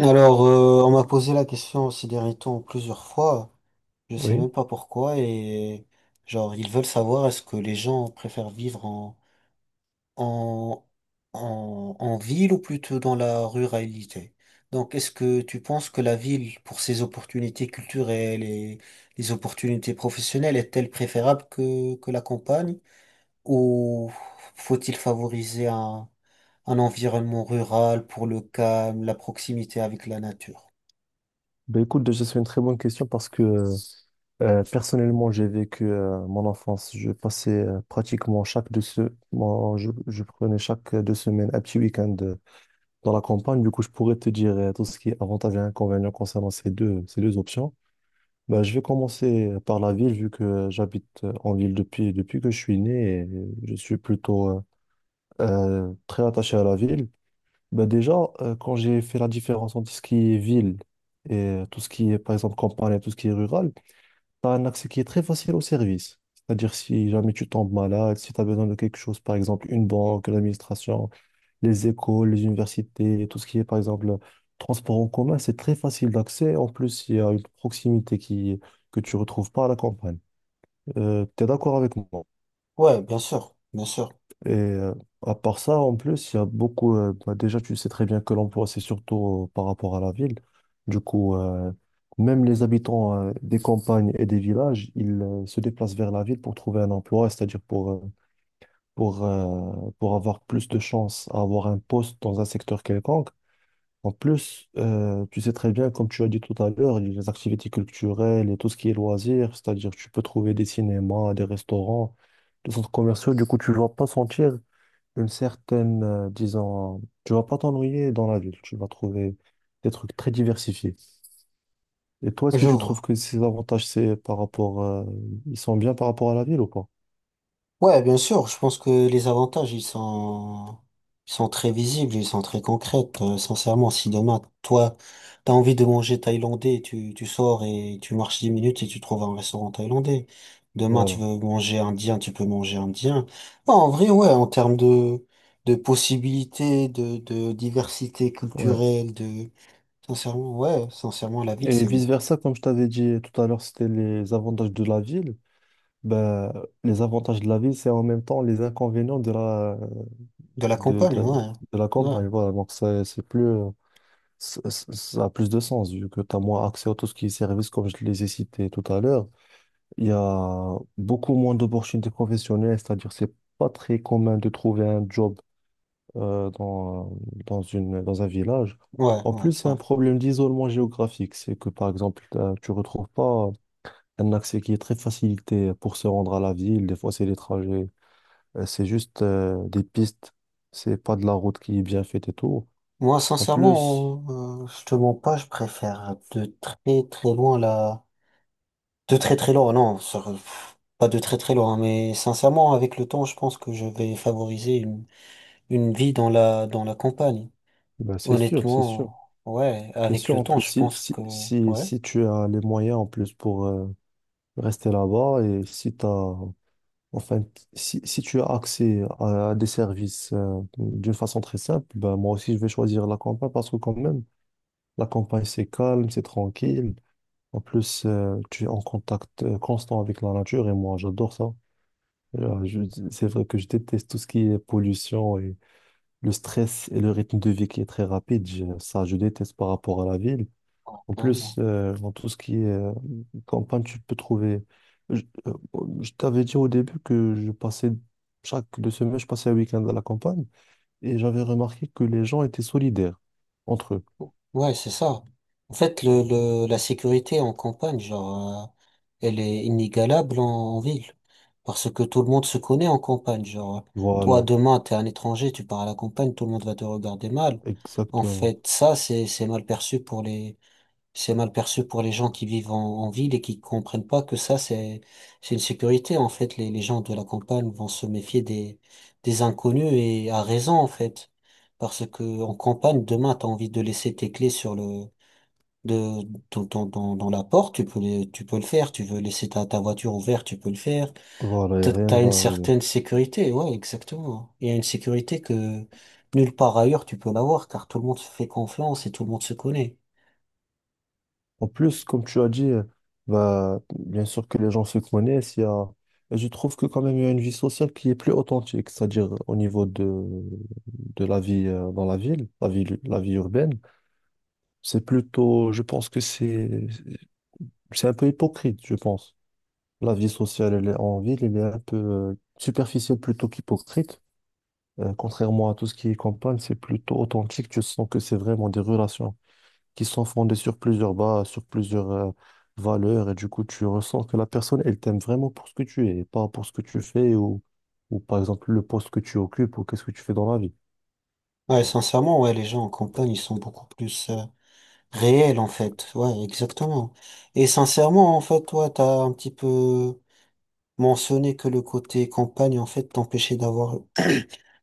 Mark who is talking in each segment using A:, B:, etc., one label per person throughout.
A: Alors, on m'a posé la question ces derniers temps plusieurs fois. Je sais
B: Oui.
A: même pas pourquoi et genre ils veulent savoir est-ce que les gens préfèrent vivre en en ville ou plutôt dans la ruralité. Donc est-ce que tu penses que la ville pour ses opportunités culturelles et les opportunités professionnelles est-elle préférable que la campagne ou faut-il favoriser un environnement rural pour le calme, la proximité avec la nature?
B: Ben écoute, déjà, c'est une très bonne question parce que personnellement, j'ai vécu mon enfance. Je passais pratiquement moi, je prenais chaque deux semaines un petit week-end dans la campagne. Du coup, je pourrais te dire tout ce qui est avantages et inconvénients concernant ces deux options. Ben, je vais commencer par la ville, vu que j'habite en ville depuis que je suis né et je suis plutôt très attaché à la ville. Bah déjà, quand j'ai fait la différence entre ce qui est ville et tout ce qui est, par exemple, campagne et tout ce qui est rural, tu as un accès qui est très facile au service. C'est-à-dire, si jamais tu tombes malade, si tu as besoin de quelque chose, par exemple, une banque, l'administration, les écoles, les universités, tout ce qui est, par exemple, transport en commun, c'est très facile d'accès. En plus, il y a une proximité que tu retrouves pas à la campagne. Tu es d'accord avec moi?
A: Ouais, bien sûr,
B: Et à part ça, en plus, il y a beaucoup. Bah, déjà, tu sais très bien que l'emploi, c'est surtout par rapport à la ville. Du coup, même les habitants des campagnes et des villages, ils se déplacent vers la ville pour trouver un emploi, c'est-à-dire pour, euh, pour avoir plus de chances à avoir un poste dans un secteur quelconque. En plus, tu sais très bien, comme tu as dit tout à l'heure, les activités culturelles et tout ce qui est loisirs, c'est-à-dire tu peux trouver des cinémas, des restaurants, des centres commerciaux. Du coup, tu ne vas pas sentir une certaine, tu vas pas t'ennuyer dans la ville, tu vas trouver des trucs très diversifiés. Et toi, est-ce que
A: je
B: tu trouves
A: vois.
B: que ces avantages, c'est par rapport, ils sont bien par rapport à la ville ou pas?
A: Ouais, bien sûr, je pense que les avantages, ils sont très visibles, ils sont très concrets. Sincèrement, si demain, toi, t'as envie de manger thaïlandais, tu sors et tu marches 10 minutes et tu trouves un restaurant thaïlandais. Demain, tu
B: Voilà,
A: veux manger indien, tu peux manger indien. Non, en vrai, ouais, en termes de possibilités, de diversité
B: ouais.
A: culturelle, de, sincèrement, ouais, sincèrement, la ville,
B: Et
A: c'est
B: vice-versa, comme je t'avais dit tout à l'heure, c'était les avantages de la ville. Ben, les avantages de la ville, c'est en même temps les inconvénients de
A: de la campagne,
B: de la
A: ouais,
B: campagne. Voilà, donc ça c'est ça a plus de sens vu que tu as moins accès à tout ce qui est service, comme je les ai cités tout à l'heure. Il y a beaucoup moins d'opportunités professionnelles, c'est-à-dire c'est pas très commun de trouver un job euh, dans, dans dans un village.
A: ouais,
B: En
A: ouais.
B: plus, c'est
A: ouais.
B: un problème d'isolement géographique. C'est que, par exemple, tu retrouves pas un accès qui est très facilité pour se rendre à la ville. Des fois, c'est des trajets. C'est juste des pistes. C'est pas de la route qui est bien faite et tout.
A: Moi,
B: En plus,
A: sincèrement, je te mens pas, je préfère de très très loin la... De très très loin, non, pas de très très loin, hein, mais sincèrement, avec le temps, je pense que je vais favoriser une vie dans dans la campagne.
B: ben, c'est sûr, c'est sûr.
A: Honnêtement, ouais,
B: C'est
A: avec
B: sûr,
A: le
B: en
A: temps,
B: plus,
A: je pense que... Ouais,
B: si tu as les moyens en plus pour rester là-bas et si enfin, si tu as accès à des services d'une façon très simple, ben moi aussi je vais choisir la campagne parce que quand même, la campagne c'est calme, c'est tranquille. En plus, tu es en contact constant avec la nature et moi j'adore ça. Euh, je- c'est vrai que je déteste tout ce qui est pollution et le stress et le rythme de vie qui est très rapide. Ça, je déteste par rapport à la ville. En plus, dans tout ce qui est campagne, tu peux trouver. Bon, je t'avais dit au début que je passais, chaque deux semaines, je passais un week-end à la campagne et j'avais remarqué que les gens étaient solidaires entre eux.
A: ouais, c'est ça. En fait, la sécurité en campagne, genre, elle est inégalable en ville. Parce que tout le monde se connaît en campagne. Genre, toi,
B: Voilà,
A: demain, t'es un étranger, tu pars à la campagne, tout le monde va te regarder mal. En
B: exactement.
A: fait, c'est mal perçu pour c'est mal perçu pour les gens qui vivent en ville et qui comprennent pas que c'est une sécurité. En fait, les gens de la campagne vont se méfier des inconnus et à raison, en fait. Parce que en campagne, demain, t'as envie de laisser tes clés de, dans la porte, tu peux, tu peux le faire. Tu veux laisser ta voiture ouverte, tu peux le faire.
B: Voilà, et
A: T'as
B: rien ne
A: t'as une
B: va arriver.
A: certaine sécurité. Ouais, exactement. Il y a une sécurité que nulle part ailleurs tu peux l'avoir, car tout le monde se fait confiance et tout le monde se connaît.
B: En plus, comme tu as dit, bah, bien sûr que les gens se connaissent. Il y a... Et je trouve que quand même, il y a une vie sociale qui est plus authentique, c'est-à-dire au niveau de la vie dans la ville, la vie urbaine. C'est plutôt, je pense que c'est un peu hypocrite, je pense. La vie sociale, elle est en ville, elle est un peu superficielle plutôt qu'hypocrite. Contrairement à tout ce qui est campagne, c'est plutôt authentique. Tu sens que c'est vraiment des relations qui sont fondées sur plusieurs bases, sur plusieurs valeurs, et du coup, tu ressens que la personne, elle t'aime vraiment pour ce que tu es, et pas pour ce que tu fais ou par exemple le poste que tu occupes ou qu'est-ce que tu fais dans la vie.
A: Ouais, sincèrement, ouais, les gens en campagne, ils sont beaucoup plus réels, en fait. Ouais, exactement. Et sincèrement, en fait, toi, t'as un petit peu mentionné que le côté campagne, en fait,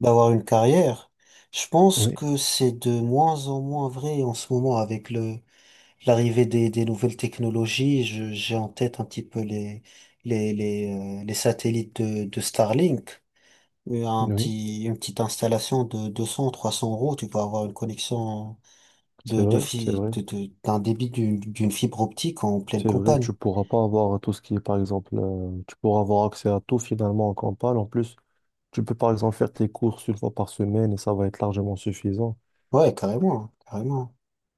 A: d'avoir une carrière. Je pense
B: Oui,
A: que c'est de moins en moins vrai en ce moment avec l'arrivée des nouvelles technologies. J'ai en tête un petit peu les satellites de Starlink.
B: oui,
A: Une petite installation de deux cents trois cents euros, tu peux avoir une connexion
B: c'est
A: de,
B: vrai, c'est
A: fi-
B: vrai.
A: de- d'un débit d'une fibre optique en pleine
B: C'est vrai,
A: campagne.
B: tu pourras pas avoir tout ce qui est, par exemple, tu pourras avoir accès à tout finalement en campagne. En plus, tu peux par exemple faire tes courses une fois par semaine et ça va être largement suffisant.
A: Ouais, carrément, carrément.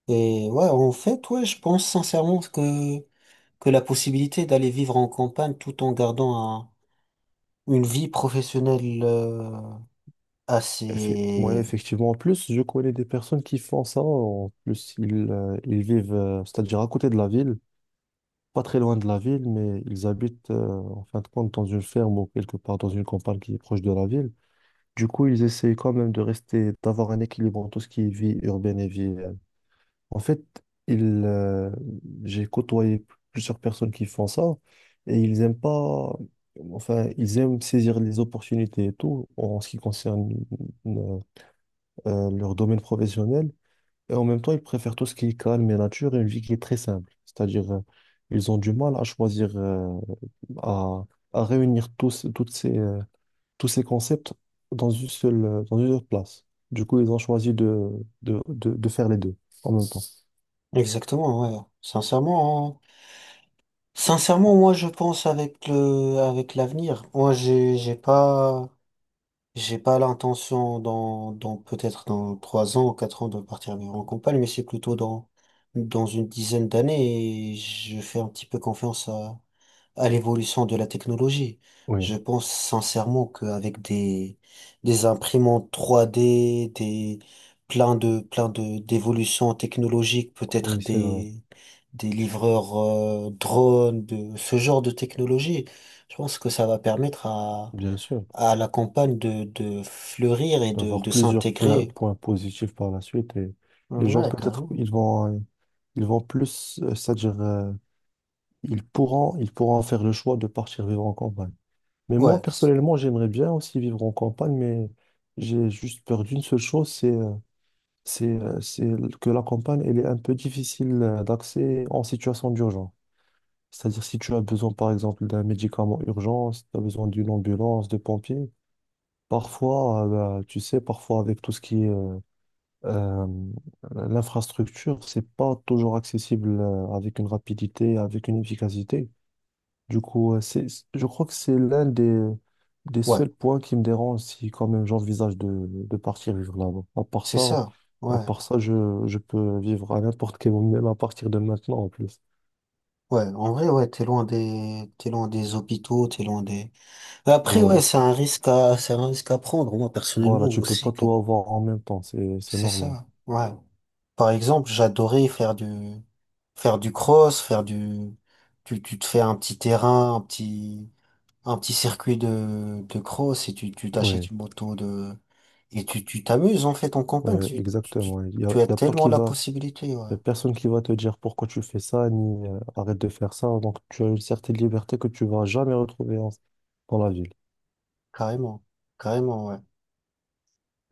A: Et ouais, en fait, ouais, je pense sincèrement que la possibilité d'aller vivre en campagne tout en gardant une vie professionnelle
B: Ouais,
A: assez...
B: effectivement. En plus, je connais des personnes qui font ça. En plus, ils vivent, c'est-à-dire à côté de la ville, pas très loin de la ville, mais ils habitent en fin de compte dans une ferme ou quelque part dans une campagne qui est proche de la ville. Du coup, ils essayent quand même de rester, d'avoir un équilibre entre tout ce qui est vie urbaine et vie En fait, il, euh, j'ai côtoyé plusieurs personnes qui font ça et ils aiment pas, enfin, ils aiment saisir les opportunités et tout en ce qui concerne euh, leur domaine professionnel. Et en même temps, ils préfèrent tout ce qui est calme et nature et une vie qui est très simple. C'est-à-dire, ils ont du mal à choisir, à, à réunir toutes tous ces concepts dans une seule place. Du coup, ils ont choisi de faire les deux en même temps.
A: Exactement, ouais. Sincèrement, hein. Sincèrement, moi, je pense avec avec l'avenir. Moi, j'ai pas... J'ai pas l'intention dans peut-être dans 3 ans ou 4 ans de partir vivre en campagne, mais c'est plutôt dans, dans une dizaine d'années et je fais un petit peu confiance à l'évolution de la technologie.
B: Oui,
A: Je pense sincèrement qu'avec des imprimantes 3D, des, plein d'évolutions technologiques, peut-être
B: oui, c'est vrai.
A: des livreurs, drones, de ce genre de technologie, je pense que ça va permettre
B: Bien sûr,
A: à la campagne de fleurir et
B: d'avoir
A: de
B: plusieurs
A: s'intégrer.
B: points positifs par la suite et
A: Mmh,
B: les gens
A: ouais,
B: peut-être
A: carrément.
B: ils vont plus c'est-à-dire ils pourront faire le choix de partir vivre en campagne. Mais moi
A: Ouais,
B: personnellement, j'aimerais bien aussi vivre en campagne mais j'ai juste peur d'une seule chose, c'est que la campagne elle est un peu difficile d'accès en situation d'urgence. C'est-à-dire si tu as besoin par exemple d'un médicament urgent, si tu as besoin d'une ambulance, de pompiers. Parfois, bah, tu sais, parfois avec tout ce qui est Euh, l'infrastructure, c'est pas toujours accessible avec une rapidité, avec une efficacité. Du coup, je crois que c'est l'un des
A: ouais,
B: seuls points qui me dérange si quand même j'envisage de partir vivre là-bas.
A: c'est ça.
B: À
A: Ouais,
B: part ça, je peux vivre à n'importe quel moment, même à partir de maintenant en plus.
A: ouais. En vrai, ouais, t'es loin t'es loin des hôpitaux, t'es loin des. Mais après, ouais,
B: Voilà.
A: c'est un risque c'est un risque à prendre. Moi,
B: Voilà,
A: personnellement
B: tu peux pas
A: aussi, que
B: tout avoir en même temps, c'est
A: c'est
B: normal.
A: ça. Ouais. Par exemple, j'adorais faire du cross, faire du, tu te fais un petit terrain, un petit circuit de cross et tu
B: Oui,
A: t'achètes une moto de, et tu t'amuses, en fait, en
B: ouais,
A: campagne.
B: ouais, exactement.
A: Tu as
B: Il y a pas
A: tellement
B: qui
A: la
B: va.
A: possibilité,
B: Il n'y a
A: ouais.
B: personne qui va te dire pourquoi tu fais ça, ni arrête de faire ça. Donc, tu as une certaine liberté que tu vas jamais dans la ville.
A: Carrément. Carrément, ouais.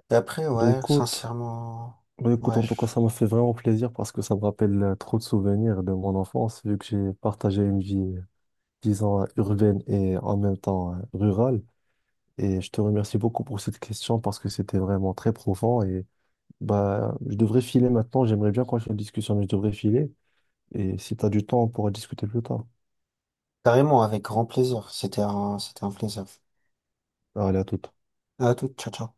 A: Et après,
B: Ben
A: ouais,
B: écoute,
A: sincèrement,
B: ben écoute, en
A: ouais,
B: tout cas,
A: je-
B: ça m'a fait vraiment plaisir parce que ça me rappelle trop de souvenirs de mon enfance, vu que j'ai partagé une vie urbaine et en même temps rurale. Et je te remercie beaucoup pour cette question parce que c'était vraiment très profond. Et bah, je devrais filer maintenant. J'aimerais bien continuer la discussion, mais je devrais filer. Et si tu as du temps, on pourra discuter plus tard.
A: carrément, avec grand plaisir. C'était un plaisir.
B: Allez, à toute.
A: À toute, ciao, ciao.